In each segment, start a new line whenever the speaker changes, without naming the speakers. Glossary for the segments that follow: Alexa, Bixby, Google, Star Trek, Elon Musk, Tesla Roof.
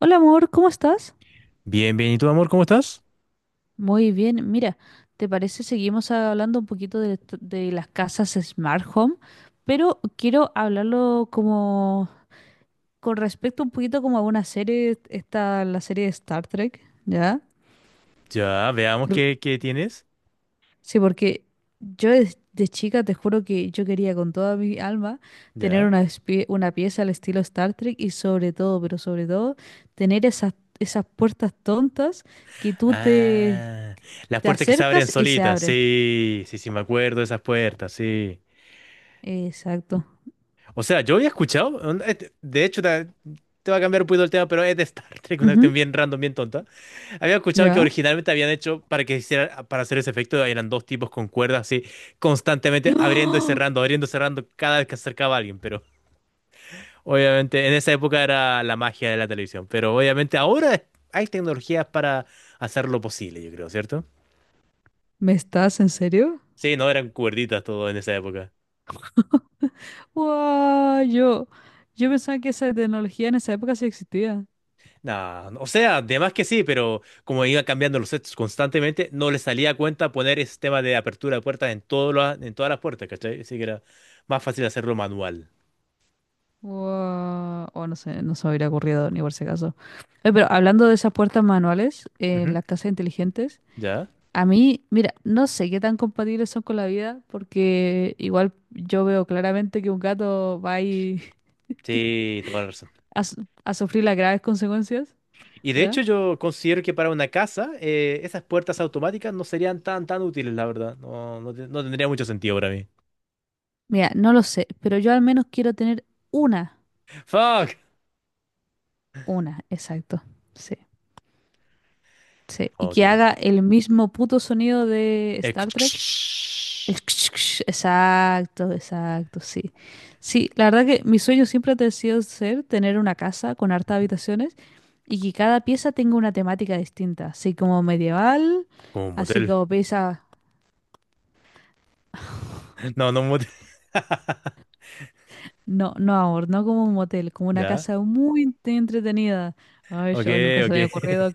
Hola amor, ¿cómo estás?
Bien, bien. ¿Y tú, amor, cómo estás?
Muy bien, mira, ¿te parece seguimos hablando un poquito de las casas Smart Home? Pero quiero hablarlo como con respecto un poquito como a una serie, la serie de Star Trek, ¿ya?
Ya, veamos
Por-
qué tienes.
sí, porque yo de chica te juro que yo quería con toda mi alma tener
Ya.
una pieza al estilo Star Trek y sobre todo, pero sobre todo, tener esas puertas tontas que tú te,
Ah, las
te
puertas que se abren
acercas y se
solitas.
abren.
Sí, sí, sí, me acuerdo de esas puertas, sí.
Exacto.
O sea, yo había escuchado, onda, de hecho, va a cambiar un poquito el tema, pero es de Star Trek, una
Ujú.
cuestión bien random, bien tonta. Había escuchado que
¿Ya?
originalmente habían hecho para hacer ese efecto, eran dos tipos con cuerdas así, constantemente
¡Oh!
abriendo y cerrando cada vez que acercaba a alguien, pero obviamente, en esa época era la magia de la televisión, pero obviamente ahora hay tecnologías para hacerlo posible, yo creo, ¿cierto?
¿Me estás en serio?
Sí, no eran cuerditas todo en esa época.
¡Wow! Yo pensaba que esa tecnología en esa época sí existía.
Nah, o sea, además que sí, pero como iba cambiando los sets constantemente, no le salía a cuenta poner ese tema de apertura de puertas en, en todas las puertas, ¿cachai? Así que era más fácil hacerlo manual.
¡Wow! O no sé, no se me hubiera ocurrido ni por si acaso. Oye, pero hablando de esas puertas manuales en
Ujú,
las casas inteligentes,
¿ya?
a mí, mira, no sé qué tan compatibles son con la vida, porque igual yo veo claramente que un gato va ahí
Sí, toda la razón.
a sufrir las graves consecuencias,
Y de
¿ya?
hecho yo considero que para una casa esas puertas automáticas no serían tan útiles, la verdad. No, no, no tendría mucho sentido para mí.
Mira, no lo sé, pero yo al menos quiero tener una.
Fuck.
Una, exacto. Sí, sí. Y
Ok.
que haga el mismo puto sonido de
Eh,
Star Trek. Exacto, exacto, sí. Sí, la verdad que mi sueño siempre ha sido ser tener una casa con hartas habitaciones y que cada pieza tenga una temática distinta, así como medieval,
Como un
así
motel.
como pieza,
No, no un motel.
no, no amor, no como un motel, como una
Ya.
casa muy entretenida. Ay,
Ok,
yo nunca se
ok.
me había ocurrido,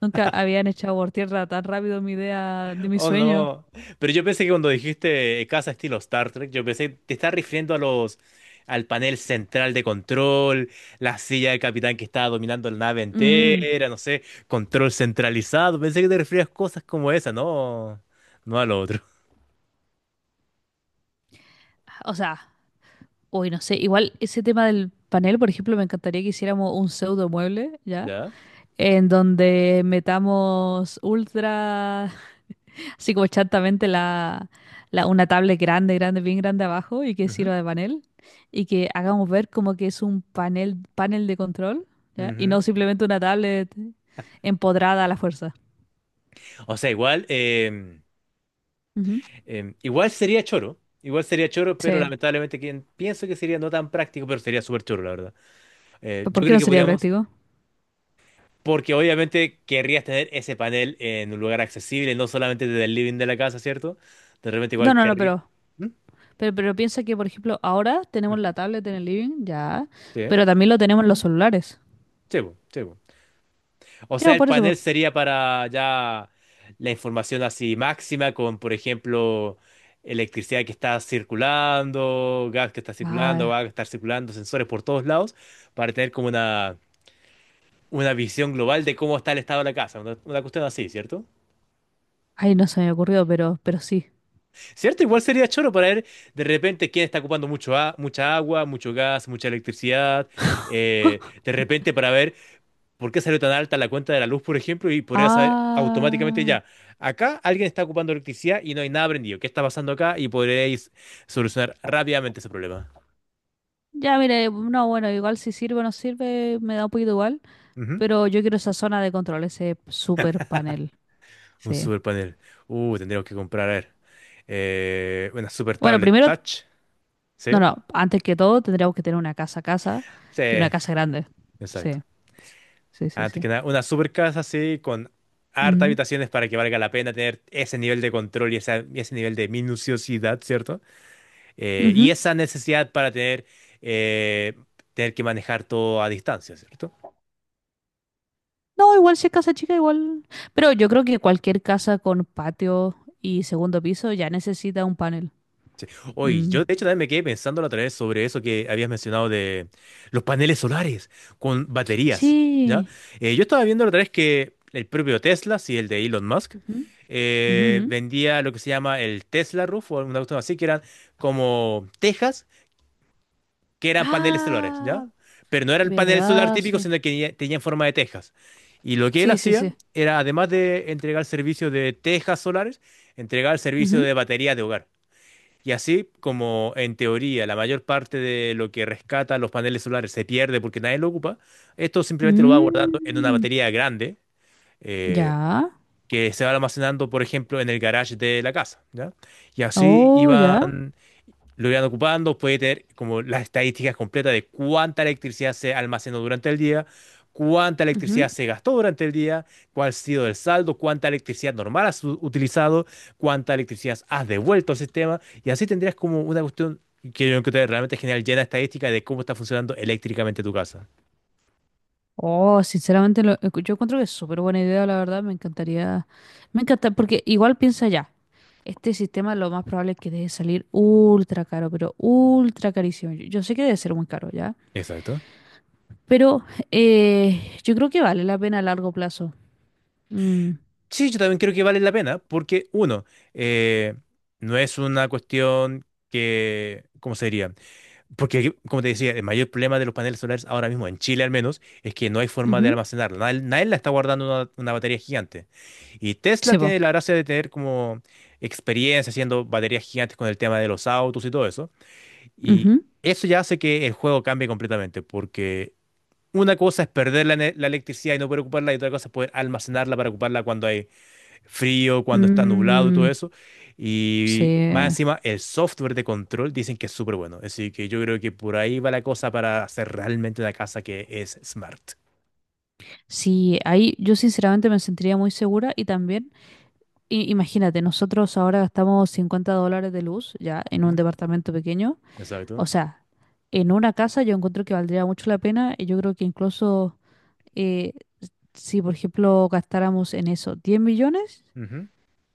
nunca habían echado por tierra tan rápido mi idea de mi
Oh,
sueño.
no. Pero yo pensé que cuando dijiste casa estilo Star Trek, yo pensé, te estás refiriendo a los, al panel central de control, la silla del capitán que estaba dominando la nave
Mm.
entera, no sé, control centralizado. Pensé que te referías a cosas como esa, no, no a lo otro.
O sea, uy, no sé. Igual ese tema del panel, por ejemplo, me encantaría que hiciéramos un pseudo mueble, ¿ya?
Ya.
En donde metamos ultra, así como chantamente, una tablet grande, grande, bien grande abajo y que
Ujú,
sirva de panel. Y que hagamos ver como que es un panel de control, ¿ya? Y
ujú.
no simplemente una tablet empodrada a la fuerza.
O sea, igual,
Ujú.
igual sería choro. Igual sería choro, pero
Sí.
lamentablemente pienso que sería no tan práctico, pero sería súper choro, la verdad.
¿Pero ¿Por
Yo
qué
creo
no
que
sería
podríamos.
práctico?
Porque obviamente querrías tener ese panel en un lugar accesible, no solamente desde el living de la casa, ¿cierto? De repente
No,
igual
no, no,
querrías.
pero
¿Mm?
Pero, pero piensa que, por ejemplo, ahora tenemos
Ujú.
la tablet en el living, ya,
Sí,
pero también lo tenemos en los celulares.
sí, po, sí, po. O
Ya,
sea, el
por eso, po.
panel sería para ya la información así máxima con, por ejemplo, electricidad que está circulando, gas que está circulando, agua
Ah,
que está circulando, sensores por todos lados, para tener como una visión global de cómo está el estado de la casa, una cuestión así, ¿cierto?
ay, no se me ocurrió, pero sí.
¿Cierto? Igual sería choro para ver de repente quién está ocupando mucha agua, mucho gas, mucha electricidad. De repente para ver por qué salió tan alta la cuenta de la luz, por ejemplo, y podría saber automáticamente
Ah,
ya, acá alguien está ocupando electricidad y no hay nada prendido. ¿Qué está pasando acá? Y podréis solucionar rápidamente ese problema.
ya, mire, no, bueno, igual si sirve o no sirve, me da un poquito igual,
Ujú.
pero yo quiero esa zona de control, ese super panel,
Un
sí.
super panel. Tendríamos que comprar, a ver, una super
Bueno,
tablet
primero,
touch.
no,
¿Sí?
no, antes que todo tendríamos que tener una casa a casa
Sí,
y una casa grande,
exacto.
sí, sí, sí,
Antes
sí.
que nada, una super casa así con harta
Ujú,
habitaciones para que valga la pena tener ese nivel de control y y ese nivel de minuciosidad, ¿cierto? Y
ujú.
esa necesidad para tener, eh, tener que manejar todo a distancia, ¿cierto?
No, igual si es casa chica, igual. Pero yo creo que cualquier casa con patio y segundo piso ya necesita un panel.
Oye,
Mm.
yo de hecho también me quedé pensando la otra vez sobre eso que habías mencionado de los paneles solares con baterías, ¿ya?
Sí.
Yo estaba viendo la otra vez que el propio Tesla, sí, el de Elon Musk,
Ujú, ujú, ujú.
vendía lo que se llama el Tesla Roof o alguna cuestión así, que eran como tejas que eran paneles solares,
Ah,
¿ya? Pero no era el panel solar
¿verdad?
típico,
Sí.
sino que tenía en forma de tejas. Y lo que él
Sí, sí,
hacía
sí.
era, además de entregar servicio de tejas solares, entregar servicio
Ujú.
de batería de hogar. Y así como en teoría la mayor parte de lo que rescata los paneles solares se pierde porque nadie lo ocupa, esto simplemente lo va guardando en una
Mm.
batería grande eh,
Ya.
que se va almacenando, por ejemplo, en el garage de la casa, ¿ya? Y así
Oh, ya.
iban lo irán ocupando, puede tener como las estadísticas completas de cuánta electricidad se almacenó durante el día, cuánta
Ujú.
electricidad se gastó durante el día, cuál ha sido el saldo, cuánta electricidad normal has utilizado, cuánta electricidad has devuelto al sistema, y así tendrías como una cuestión que yo encontré realmente genial, llena de estadística de cómo está funcionando eléctricamente tu casa.
Oh, sinceramente, yo encuentro que es súper buena idea, la verdad. Me encantaría. Me encanta, porque igual piensa ya. Este sistema lo más probable es que deje salir ultra caro, pero ultra carísimo. Yo sé que debe ser muy caro ya,
Exacto.
pero yo creo que vale la pena a largo plazo. Mm,
Sí, yo también creo que vale la pena, porque uno, eh, no es una cuestión que, ¿cómo se diría? Porque, como te decía, el mayor problema de los paneles solares ahora mismo, en Chile al menos, es que no hay forma de
ujú.
almacenarla. Nadie, nadie la está guardando en una batería gigante. Y Tesla
Sí, po.
tiene la gracia de tener como experiencia haciendo baterías gigantes con el tema de los autos y todo eso. Y
Ujú.
eso ya hace que el juego cambie completamente, porque una cosa es perder la electricidad y no poder ocuparla, y otra cosa es poder almacenarla para ocuparla cuando hay frío, cuando está nublado y todo
Mm,
eso. Y más
sí.
encima, el software de control dicen que es súper bueno. Así que yo creo que por ahí va la cosa para hacer realmente una casa que es smart.
Sí, ahí yo sinceramente me sentiría muy segura y también, imagínate, nosotros ahora gastamos 50 dólares de luz ya en un
Ujú,
departamento pequeño. O
exacto.
sea, en una casa yo encuentro que valdría mucho la pena y yo creo que incluso... eh, si por ejemplo gastáramos en eso 10 millones,
Ujú,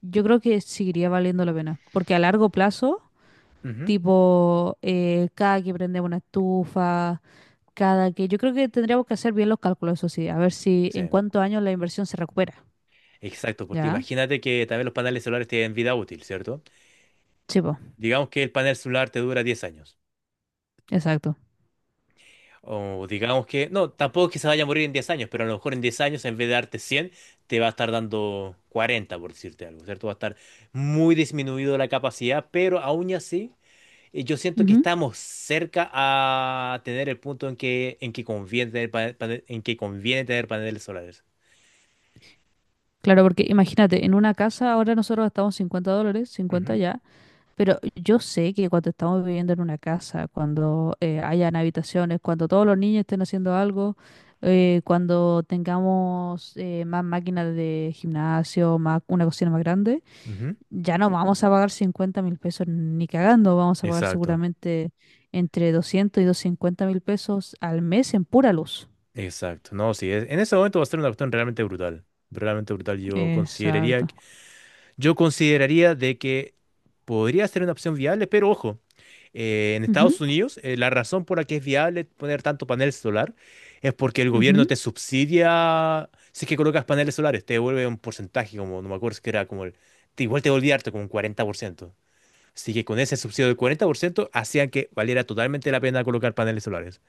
yo creo que seguiría valiendo la pena. Porque a largo plazo,
ujú.
tipo, cada que prendemos una estufa, cada que... Yo creo que tendríamos que hacer bien los cálculos, eso sí, a ver si
Sí,
en cuántos años la inversión se recupera.
exacto, porque
¿Ya?
imagínate que también los paneles solares tienen vida útil, ¿cierto?
Sí, po,
Digamos que el panel solar te dura 10 años.
exacto.
O digamos que, no, tampoco es que se vaya a morir en 10 años, pero a lo mejor en 10 años en vez de darte 100 te va a estar dando 40 por decirte algo, ¿cierto? Va a estar muy disminuido la capacidad, pero aún y así, yo siento que
Ujú.
estamos cerca a tener el punto en que conviene tener paneles solares.
Claro, porque imagínate, en una casa ahora nosotros gastamos 50 dólares, 50
Ujú,
ya, pero yo sé que cuando estamos viviendo en una casa, cuando hayan habitaciones, cuando todos los niños estén haciendo algo, cuando tengamos más máquinas de gimnasio, más, una cocina más grande,
ujú.
ya no vamos a pagar 50 mil pesos ni cagando, vamos a pagar
Exacto,
seguramente entre 200 y 250 mil pesos al mes en pura luz.
exacto. No, sí, en ese momento va a ser una cuestión realmente brutal. Realmente brutal. Yo consideraría,
Exacto.
yo consideraría de que podría ser una opción viable, pero ojo. En
Ujú,
Estados Unidos, la razón por la que es viable poner tanto panel solar es porque el gobierno
ujú.
te subsidia si es que colocas paneles solares, te devuelve un porcentaje, como no me acuerdo si que era como el, igual te devolvía harto, como un 40%. Así que con ese subsidio del 40% hacían que valiera totalmente la pena colocar paneles solares.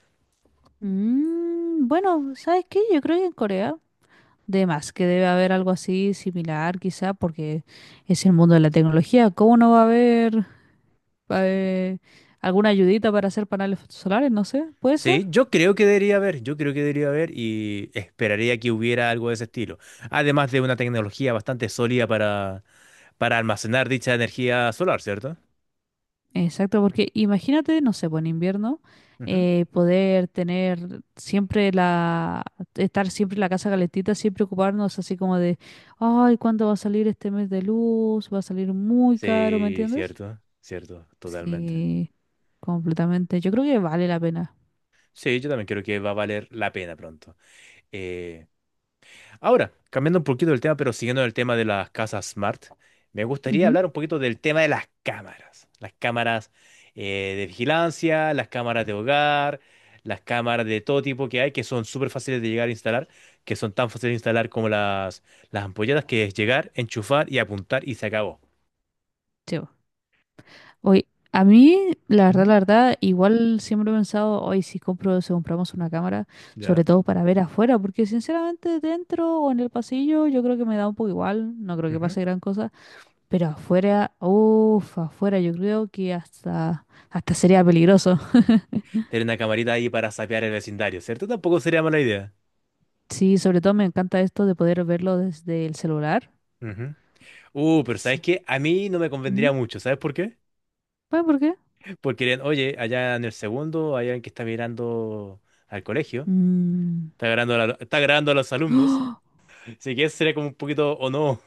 Mm, bueno, ¿sabes qué? Yo creo que en Corea de más, que debe haber algo así similar, quizá, porque es el mundo de la tecnología. ¿Cómo no va a haber eh, alguna ayudita para hacer paneles solares? No sé, puede ser.
Sí, yo creo que debería haber, yo creo que debería haber y esperaría que hubiera algo de ese estilo. Además de una tecnología bastante sólida para, almacenar dicha energía solar, cierto.
Exacto, porque imagínate, no sé, pues en invierno,
Ujú.
poder tener siempre la, estar siempre en la casa calentita, sin preocuparnos así como de, ay, ¿cuándo va a salir este mes de luz? Va a salir muy caro, ¿me
Sí,
entiendes?
cierto, cierto, totalmente.
Sí, completamente. Yo creo que vale la pena.
Sí, yo también creo que va a valer la pena pronto. Eh, ahora, cambiando un poquito del tema, pero siguiendo el tema de las casas smart, me gustaría
Ujú,
hablar un poquito del tema de las cámaras. Las cámaras de vigilancia, las cámaras de hogar, las cámaras de todo tipo que hay, que son súper fáciles de llegar a instalar, que son tan fáciles de instalar como las ampolletas, que es llegar, enchufar y apuntar y se acabó.
sí, pues. Hoy, a mí,
Ujú.
la verdad, igual siempre he pensado, hoy si compro, si compramos una cámara, sobre
¿Ya?
todo para ver afuera, porque sinceramente dentro o en el pasillo yo creo que me da un poco igual, no creo que pase gran cosa, pero afuera, uff, afuera yo creo que hasta, hasta sería peligroso.
Tener una camarita ahí para sapear el vecindario, ¿cierto? Tampoco sería mala idea.
Sí, sobre todo me encanta esto de poder verlo desde el celular.
Ujú. Pero
Sí.
¿sabes qué? A mí no me
Ujú.
convendría mucho, ¿sabes por qué?
¿Sabes por qué?
Porque dirían, oye, allá en el segundo hay alguien que está mirando al colegio,
Mm.
está grabando a, está grabando a los alumnos,
¡Oh!
así que eso sería como un poquito o no.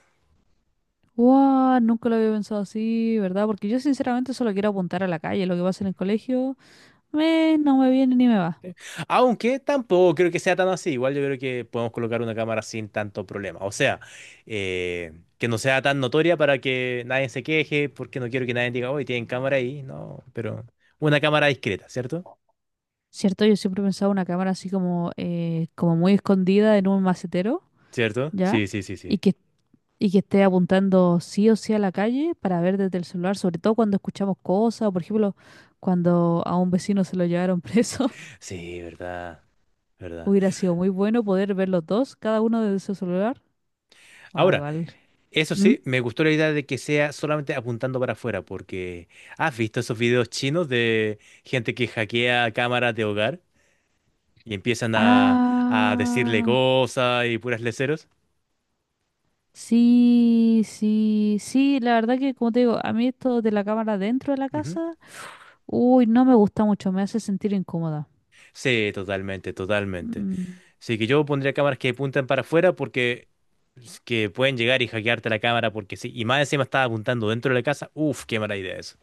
¡Guau! Nunca lo había pensado así, ¿verdad? Porque yo sinceramente solo quiero apuntar a la calle, lo que pasa en el colegio. Me, no me viene ni me va.
Aunque tampoco creo que sea tan así, igual yo creo que podemos colocar una cámara sin tanto problema. O sea, eh, que no sea tan notoria para que nadie se queje, porque no quiero que nadie diga, oye, tienen cámara ahí, no, pero una cámara discreta, ¿cierto?
Cierto, yo siempre pensaba una cámara así como, como muy escondida en un macetero,
¿Cierto?
¿ya?
Sí, sí, sí,
Y
sí.
que, y que esté apuntando sí o sí a la calle para ver desde el celular, sobre todo cuando escuchamos cosas, o por ejemplo, cuando a un vecino se lo llevaron preso.
Sí, verdad. ¿Verdad?
Hubiera sido muy bueno poder ver los dos, cada uno desde su celular. Ah,
Ahora,
igual.
eso
¿Mm?
sí, me gustó la idea de que sea solamente apuntando para afuera, porque ¿has visto esos videos chinos de gente que hackea cámaras de hogar y empiezan a decirle
Ah,
cosas y puras leceros?
sí, sí, sí, la verdad que como te digo, a mí esto de la cámara dentro de la
Ujú.
casa uy, no me gusta mucho, me hace sentir incómoda.
Sí, totalmente, totalmente.
Mm,
Así que yo pondría cámaras que apuntan para afuera porque es que pueden llegar y hackearte la cámara porque sí. Y más encima estaba apuntando dentro de la casa. Uf, qué mala idea eso.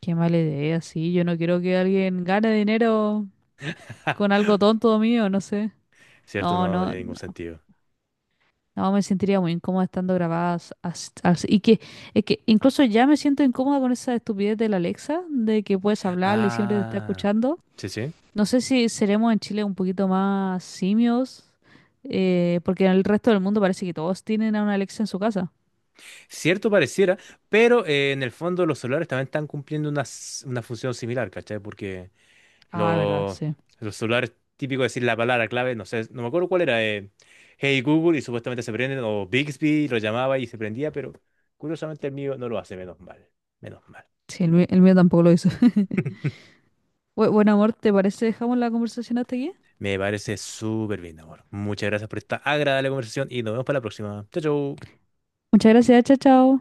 qué mala idea, sí. Yo no quiero que alguien gane dinero con algo tonto mío, no sé.
¿Cierto?
No,
No, no
no,
tiene
no,
ningún sentido.
no, me sentiría muy incómoda estando grabadas así. Y que, es que incluso ya me siento incómoda con esa estupidez de la Alexa, de que puedes hablarle y siempre te está
Ah,
escuchando.
sí, sí.
No sé si seremos en Chile un poquito más simios, porque en el resto del mundo parece que todos tienen a una Alexa en su casa.
Cierto pareciera, pero en el fondo los celulares también están cumpliendo una función similar, ¿cachai? Porque
Ah, verdad,
los
sí.
los celulares, típico decir la palabra clave, no sé, no me acuerdo cuál era, Hey Google y supuestamente se prenden, o Bixby lo llamaba y se prendía, pero curiosamente el mío no lo hace, menos mal, menos mal.
Sí, el mío tampoco lo hizo. Buen amor, ¿te parece? Dejamos la conversación hasta aquí.
Me parece súper bien, amor. Muchas gracias por esta agradable conversación y nos vemos para la próxima. Chao, chao.
Muchas gracias, chao, chao.